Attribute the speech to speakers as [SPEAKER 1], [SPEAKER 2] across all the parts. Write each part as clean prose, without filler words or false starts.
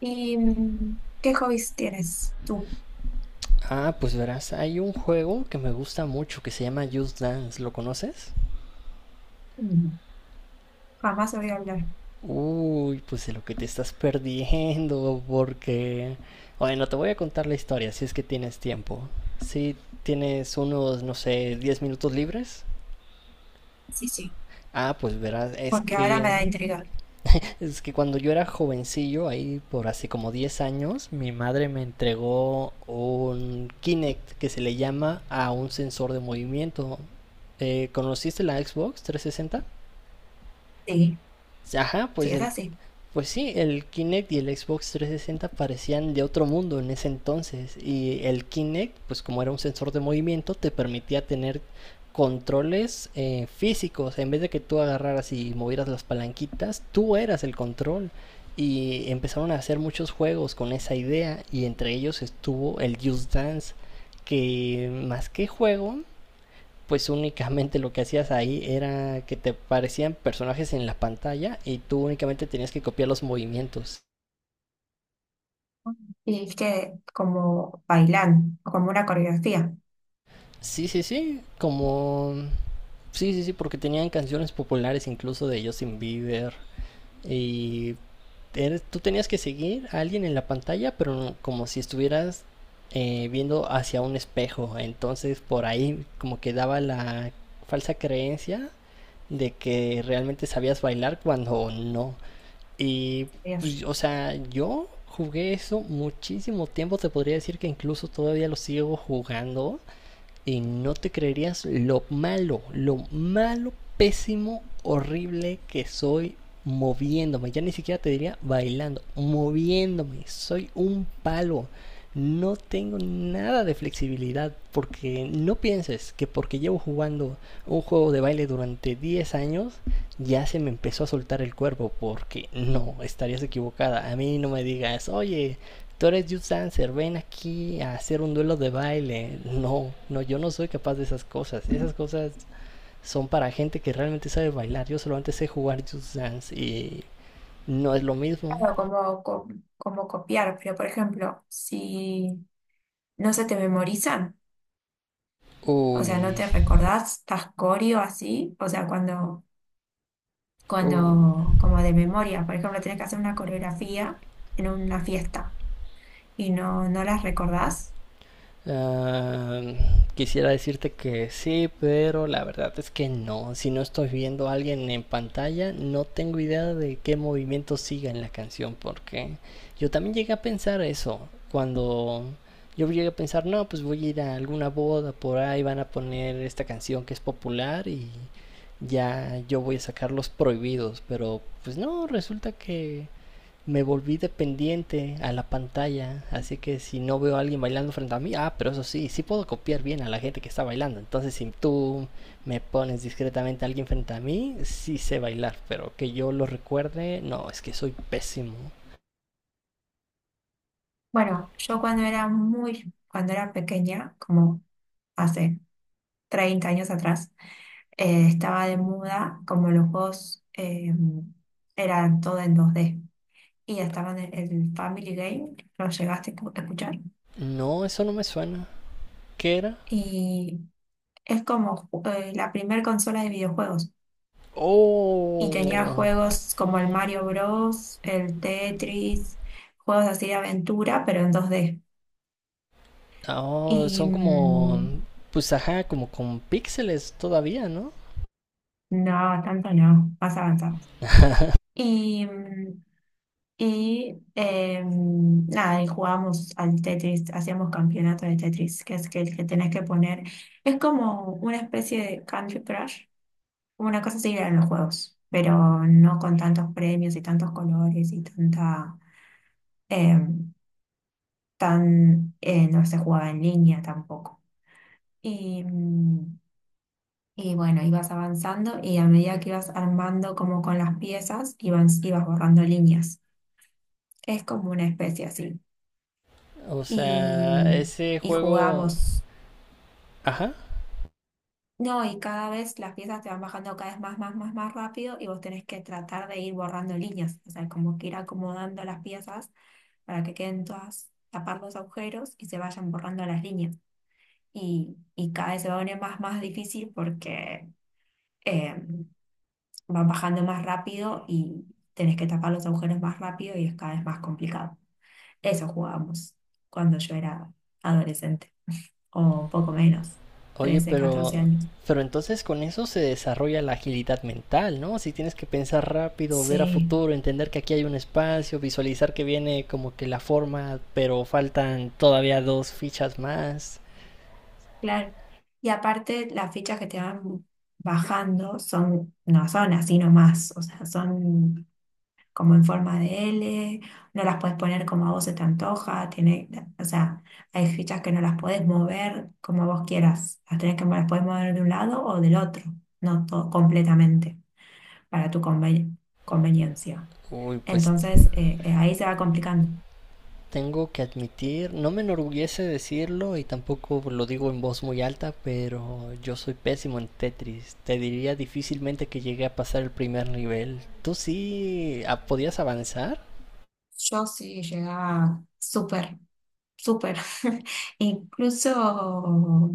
[SPEAKER 1] ¿Y qué hobbies tienes tú?
[SPEAKER 2] Ah, pues verás, hay un juego que me gusta mucho que se llama Just Dance, ¿lo conoces?
[SPEAKER 1] Mm. Jamás voy a hablar.
[SPEAKER 2] Uy, pues de lo que te estás perdiendo, porque... Bueno, te voy a contar la historia si es que tienes tiempo. Si tienes unos, no sé, 10 minutos libres.
[SPEAKER 1] Sí, sí,
[SPEAKER 2] Ah, pues verás, es
[SPEAKER 1] porque ahora me
[SPEAKER 2] que...
[SPEAKER 1] da intriga.
[SPEAKER 2] Es que cuando yo era jovencillo, ahí por hace como 10 años, mi madre me entregó un Kinect que se le llama a un sensor de movimiento. ¿Conociste la Xbox 360?
[SPEAKER 1] Sí,
[SPEAKER 2] Ajá,
[SPEAKER 1] sí, es así.
[SPEAKER 2] pues sí, el Kinect y el Xbox 360 parecían de otro mundo en ese entonces. Y el Kinect, pues como era un sensor de movimiento, te permitía tener controles físicos. En vez de que tú agarraras y movieras las palanquitas, tú eras el control. Y empezaron a hacer muchos juegos con esa idea. Y entre ellos estuvo el Just Dance. Que más que juego, pues únicamente lo que hacías ahí era que te parecían personajes en la pantalla y tú únicamente tenías que copiar los movimientos.
[SPEAKER 1] Mm. Y es que como bailan, como una coreografía.
[SPEAKER 2] Sí, sí, sí, como... Sí, sí, sí, porque tenían canciones populares incluso de Justin Bieber y tú tenías que seguir a alguien en la pantalla, pero como si estuvieras viendo hacia un espejo. Entonces por ahí como que daba la falsa creencia de que realmente sabías bailar cuando no. Y,
[SPEAKER 1] Dios.
[SPEAKER 2] pues, o sea, yo jugué eso muchísimo tiempo, te podría decir que incluso todavía lo sigo jugando y no te creerías lo malo, pésimo, horrible que soy moviéndome. Ya ni siquiera te diría bailando, moviéndome. Soy un palo. No tengo nada de flexibilidad porque no pienses que porque llevo jugando un juego de baile durante 10 años ya se me empezó a soltar el cuerpo porque no, estarías equivocada. A mí no me digas, oye, tú eres you dancer, ven aquí a hacer un duelo de baile. No, no, yo no soy capaz de esas cosas. Esas cosas son para gente que realmente sabe bailar. Yo solamente sé jugar you dance y no es lo mismo.
[SPEAKER 1] Claro, como, como copiar, pero por ejemplo, si no se te memorizan, o sea, no
[SPEAKER 2] Uy,
[SPEAKER 1] te recordás, estás coreo así, o sea, cuando,
[SPEAKER 2] uy.
[SPEAKER 1] cuando, como de memoria, por ejemplo, tenés que hacer una coreografía en una fiesta y no, no las recordás.
[SPEAKER 2] Ah, quisiera decirte que sí, pero la verdad es que no. Si no estoy viendo a alguien en pantalla, no tengo idea de qué movimiento siga en la canción, porque yo también llegué a pensar eso. Cuando yo llegué a pensar, no, pues voy a ir a alguna boda por ahí, van a poner esta canción que es popular y ya yo voy a sacar los prohibidos, pero pues no, resulta que me volví dependiente a la pantalla, así que si no veo a alguien bailando frente a mí, ah, pero eso sí, sí puedo copiar bien a la gente que está bailando. Entonces, si tú me pones discretamente a alguien frente a mí, sí sé bailar, pero que yo lo recuerde, no, es que soy pésimo.
[SPEAKER 1] Bueno, yo cuando era pequeña, como hace 30 años atrás, estaba de muda, como los juegos eran todo en dos d. Y estaban el Family Game, lo llegaste a a escuchar.
[SPEAKER 2] No, eso no me suena. ¿Qué era?
[SPEAKER 1] Y es como la primer consola de videojuegos. Y tenía
[SPEAKER 2] Oh,
[SPEAKER 1] juegos como el Mario Bros, el Tetris, juegos así de aventura, pero en dos d.
[SPEAKER 2] oh,
[SPEAKER 1] Y
[SPEAKER 2] son como, pues ajá, como con píxeles todavía, ¿no?
[SPEAKER 1] no, tanto no, más avanzado. Y, mm, nada, y jugábamos al Tetris, hacíamos campeonato de Tetris, que es que el que tenés que poner. Es como una especie de Candy Crush, una cosa así en los juegos, pero no con tantos premios y tantos colores y tanta, em, no se jugaba en línea tampoco. Y, mm, y bueno, ibas avanzando y a medida que ibas armando como con las piezas, ibas borrando líneas. Es como una especie así.
[SPEAKER 2] O sea,
[SPEAKER 1] Y,
[SPEAKER 2] ese
[SPEAKER 1] y
[SPEAKER 2] juego,
[SPEAKER 1] jugamos.
[SPEAKER 2] ajá.
[SPEAKER 1] No, y cada vez las piezas te van bajando cada vez más rápido y vos tenés que tratar de ir borrando líneas, o sea, como que ir acomodando las piezas para que queden todas, tapar los agujeros y se vayan borrando las líneas. Y cada vez se va a poner más difícil porque eh, van bajando más rápido y tenés que tapar los agujeros más rápido y es cada vez más complicado. Eso jugábamos cuando yo era adolescente, o poco menos,
[SPEAKER 2] Oye,
[SPEAKER 1] 13 14
[SPEAKER 2] pero,
[SPEAKER 1] años.
[SPEAKER 2] entonces con eso se desarrolla la agilidad mental, ¿no? Si tienes que pensar rápido, ver a
[SPEAKER 1] Sí,
[SPEAKER 2] futuro, entender que aquí hay un espacio, visualizar que viene como que la forma, pero faltan todavía dos fichas más.
[SPEAKER 1] claro. Y aparte, las fichas que te van bajando son, no son así nomás, o sea, son como en forma de L, no las puedes poner como a vos se te antoja, tiene, o sea, hay fichas que no las puedes mover como vos quieras, las tenés que, las puedes mover de un lado o del otro, no to- completamente, para tu conveniencia.
[SPEAKER 2] Uy, pues
[SPEAKER 1] Entonces, ahí se va complicando.
[SPEAKER 2] tengo que admitir, no me enorgullece decirlo y tampoco lo digo en voz muy alta, pero yo soy pésimo en Tetris. Te diría difícilmente que llegué a pasar el primer nivel. ¿Tú sí podías avanzar?
[SPEAKER 1] Yo sí llegaba súper, súper. Incluso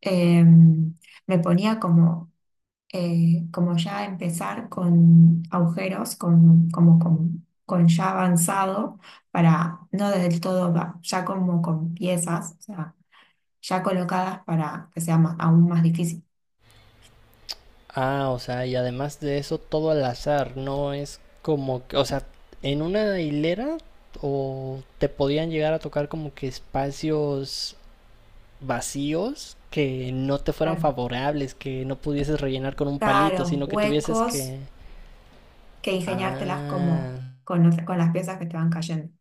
[SPEAKER 1] em, me ponía como, como ya empezar con agujeros, con ya avanzado, para no del todo, ya como con piezas, o sea, ya colocadas para que sea aún más difícil.
[SPEAKER 2] Ah, o sea, y además de eso, todo al azar, no es como que, o sea, en una hilera o te podían llegar a tocar como que espacios vacíos que no te fueran
[SPEAKER 1] Claro,
[SPEAKER 2] favorables, que no pudieses rellenar con un palito,
[SPEAKER 1] claro,
[SPEAKER 2] sino que tuvieses
[SPEAKER 1] huecos
[SPEAKER 2] que...
[SPEAKER 1] que ingeniártelas como
[SPEAKER 2] Ah,
[SPEAKER 1] con, con las piezas que te van cayendo.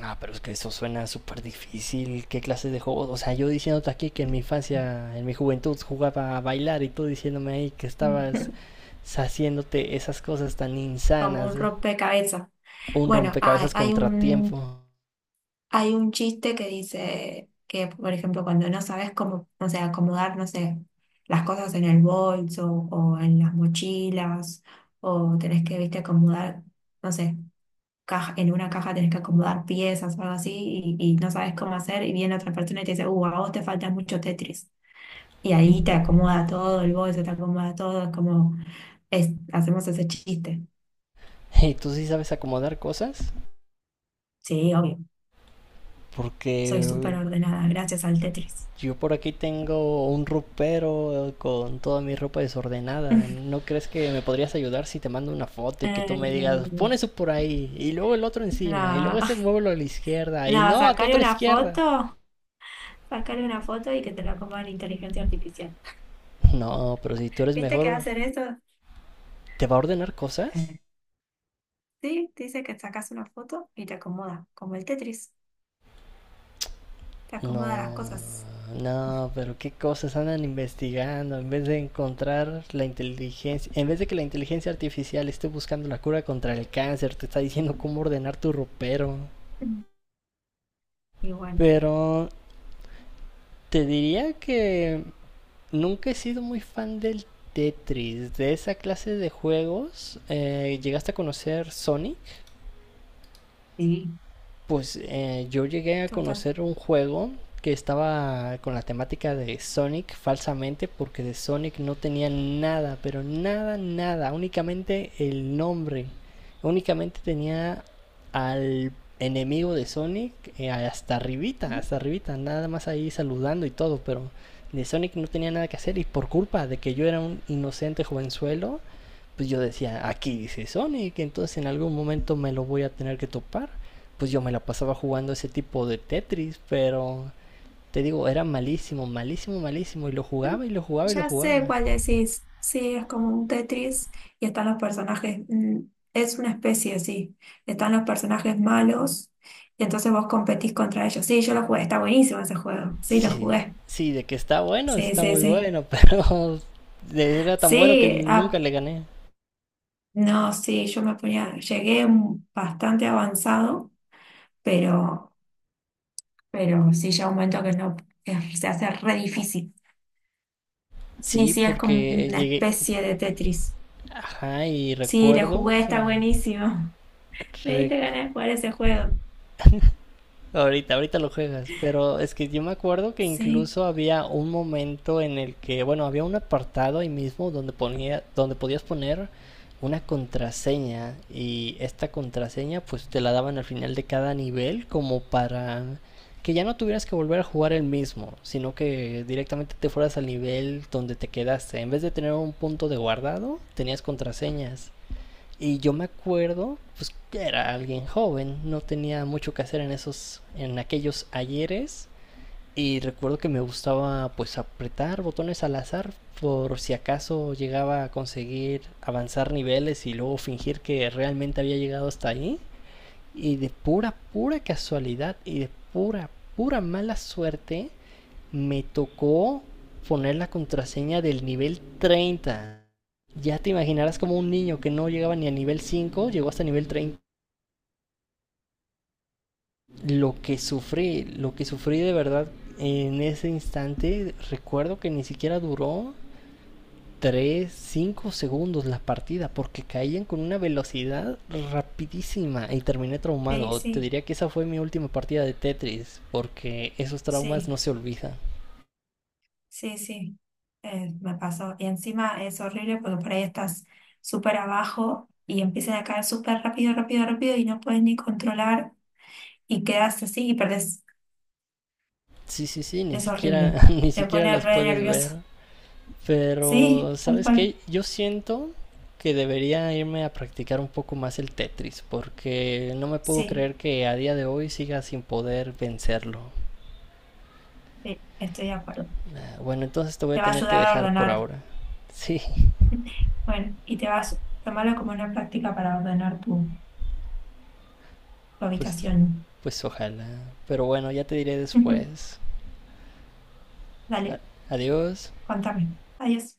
[SPEAKER 2] ah, pero es que eso suena súper difícil, ¿qué clase de juego? O sea, yo diciéndote aquí que en mi infancia, en mi juventud jugaba a bailar y tú diciéndome ahí que estabas haciéndote esas cosas tan
[SPEAKER 1] Como
[SPEAKER 2] insanas,
[SPEAKER 1] un
[SPEAKER 2] ¿no?
[SPEAKER 1] rompecabezas.
[SPEAKER 2] Un
[SPEAKER 1] Bueno,
[SPEAKER 2] rompecabezas contratiempo.
[SPEAKER 1] hay un chiste que dice que, por ejemplo, cuando no sabes cómo, no sé, acomodar, no sé, las cosas en el bolso o en las mochilas, o tenés que, viste, acomodar, no sé, caja, en una caja tenés que acomodar piezas o algo así y no sabes cómo hacer y viene otra persona y te dice, a vos te falta mucho Tetris. Y ahí te acomoda todo el bolso, te acomoda todo, es, hacemos ese chiste.
[SPEAKER 2] ¿Y tú sí sabes acomodar cosas?
[SPEAKER 1] Sí, obvio.
[SPEAKER 2] Porque
[SPEAKER 1] Soy súper ordenada, gracias al Tetris.
[SPEAKER 2] yo por aquí tengo un ropero con toda mi ropa desordenada. ¿No crees que me podrías ayudar si te mando una foto y que tú me digas,
[SPEAKER 1] Eh,
[SPEAKER 2] pon eso por ahí, y luego el otro encima, y luego ese
[SPEAKER 1] nada,
[SPEAKER 2] muévelo a la izquierda, y
[SPEAKER 1] nada,
[SPEAKER 2] no, a tu otra izquierda?
[SPEAKER 1] sacarle una foto y que te la coma la inteligencia artificial.
[SPEAKER 2] No, pero si tú eres
[SPEAKER 1] ¿Viste que
[SPEAKER 2] mejor,
[SPEAKER 1] hacen eso?
[SPEAKER 2] ¿te va a ordenar cosas?
[SPEAKER 1] Eh, sí, te dice que sacas una foto y te acomoda, como el Tetris, te acomoda las
[SPEAKER 2] No,
[SPEAKER 1] cosas.
[SPEAKER 2] no, pero qué cosas andan investigando en vez de encontrar la inteligencia, en vez de que la inteligencia artificial esté buscando la cura contra el cáncer, te está diciendo cómo ordenar tu ropero.
[SPEAKER 1] Mm. Y bueno,
[SPEAKER 2] Pero te diría que nunca he sido muy fan del Tetris, de esa clase de juegos. ¿Llegaste a conocer Sonic?
[SPEAKER 1] sí,
[SPEAKER 2] Pues yo llegué a
[SPEAKER 1] total.
[SPEAKER 2] conocer un juego que estaba con la temática de Sonic falsamente porque de Sonic no tenía nada, pero nada, nada, únicamente el nombre, únicamente tenía al enemigo de Sonic hasta arribita, nada más ahí saludando y todo, pero de Sonic no tenía nada que hacer y por culpa de que yo era un inocente jovenzuelo, pues yo decía, aquí dice Sonic, entonces en algún momento me lo voy a tener que topar. Pues yo me la pasaba jugando ese tipo de Tetris, pero te digo, era malísimo, malísimo, malísimo. Y lo jugaba y lo jugaba y lo
[SPEAKER 1] Ya
[SPEAKER 2] jugaba.
[SPEAKER 1] sé cuál decís. Sí, es como un Tetris y están los personajes. Es una especie, sí. Están los personajes malos y entonces vos competís contra ellos. Sí, yo lo jugué. Está buenísimo ese juego. Sí, lo
[SPEAKER 2] Sí,
[SPEAKER 1] jugué.
[SPEAKER 2] sí, de que está bueno,
[SPEAKER 1] Sí,
[SPEAKER 2] está
[SPEAKER 1] sí,
[SPEAKER 2] muy
[SPEAKER 1] sí.
[SPEAKER 2] bueno, pero era tan bueno que
[SPEAKER 1] Sí,
[SPEAKER 2] nunca
[SPEAKER 1] ah,
[SPEAKER 2] le gané.
[SPEAKER 1] no, sí, yo me ponía. Bastante avanzado, pero, pero sí, llega un momento que no, que se hace re difícil. Sí,
[SPEAKER 2] Sí,
[SPEAKER 1] sí, es como
[SPEAKER 2] porque
[SPEAKER 1] una
[SPEAKER 2] llegué,
[SPEAKER 1] especie de Tetris.
[SPEAKER 2] ajá, y
[SPEAKER 1] Sí, lo
[SPEAKER 2] recuerdo
[SPEAKER 1] jugué, está
[SPEAKER 2] que...
[SPEAKER 1] buenísimo. Me diste ganas de jugar ese juego.
[SPEAKER 2] Ahorita, ahorita lo juegas, pero es que yo me acuerdo que
[SPEAKER 1] Sí,
[SPEAKER 2] incluso había un momento en el que, bueno, había un apartado ahí mismo donde ponía, donde podías poner una contraseña y esta contraseña pues te la daban al final de cada nivel como para que ya no tuvieras que volver a jugar el mismo, sino que directamente te fueras al nivel donde te quedaste. En vez de tener un punto de guardado, tenías contraseñas. Y yo me acuerdo, pues que era alguien joven, no tenía mucho que hacer en esos, en aquellos ayeres. Y recuerdo que me gustaba pues apretar botones al azar por si acaso llegaba a conseguir avanzar niveles y luego fingir que realmente había llegado hasta ahí. Y de pura, pura casualidad y de pura, pura mala suerte me tocó poner la contraseña del nivel 30. Ya te imaginarás, como un niño que no llegaba ni a nivel 5, llegó hasta nivel 30. Lo que sufrí de verdad en ese instante, recuerdo que ni siquiera duró 3, 5 segundos la partida, porque caían con una velocidad rapidísima y terminé
[SPEAKER 1] sí,
[SPEAKER 2] traumado. Te
[SPEAKER 1] sí,
[SPEAKER 2] diría que esa fue mi última partida de Tetris, porque esos traumas
[SPEAKER 1] sí,
[SPEAKER 2] no se olvidan.
[SPEAKER 1] sí, sí. Me pasó. Y encima es horrible porque por ahí estás súper abajo y empiezan a caer súper rápido y no puedes ni controlar y quedas así y perdés.
[SPEAKER 2] Sí, sí, sí, ni
[SPEAKER 1] Es
[SPEAKER 2] siquiera,
[SPEAKER 1] horrible.
[SPEAKER 2] ni
[SPEAKER 1] Te
[SPEAKER 2] siquiera
[SPEAKER 1] pone
[SPEAKER 2] las
[SPEAKER 1] re
[SPEAKER 2] puedes ver.
[SPEAKER 1] nervioso. Sí,
[SPEAKER 2] Pero,
[SPEAKER 1] tal
[SPEAKER 2] ¿sabes
[SPEAKER 1] cual.
[SPEAKER 2] qué? Yo siento que debería irme a practicar un poco más el Tetris, porque no me puedo
[SPEAKER 1] Sí,
[SPEAKER 2] creer que a día de hoy siga sin poder vencerlo.
[SPEAKER 1] sí, estoy de acuerdo.
[SPEAKER 2] Bueno, entonces te voy a
[SPEAKER 1] Te va a
[SPEAKER 2] tener que
[SPEAKER 1] ayudar a
[SPEAKER 2] dejar
[SPEAKER 1] ordenar.
[SPEAKER 2] por ahora. Sí,
[SPEAKER 1] Bueno, y te vas a tomarlo como una práctica para ordenar tu, tu
[SPEAKER 2] pues,
[SPEAKER 1] habitación.
[SPEAKER 2] ojalá. Pero bueno, ya te diré después. A-
[SPEAKER 1] Dale.
[SPEAKER 2] Adiós.
[SPEAKER 1] Cuéntame. Adiós.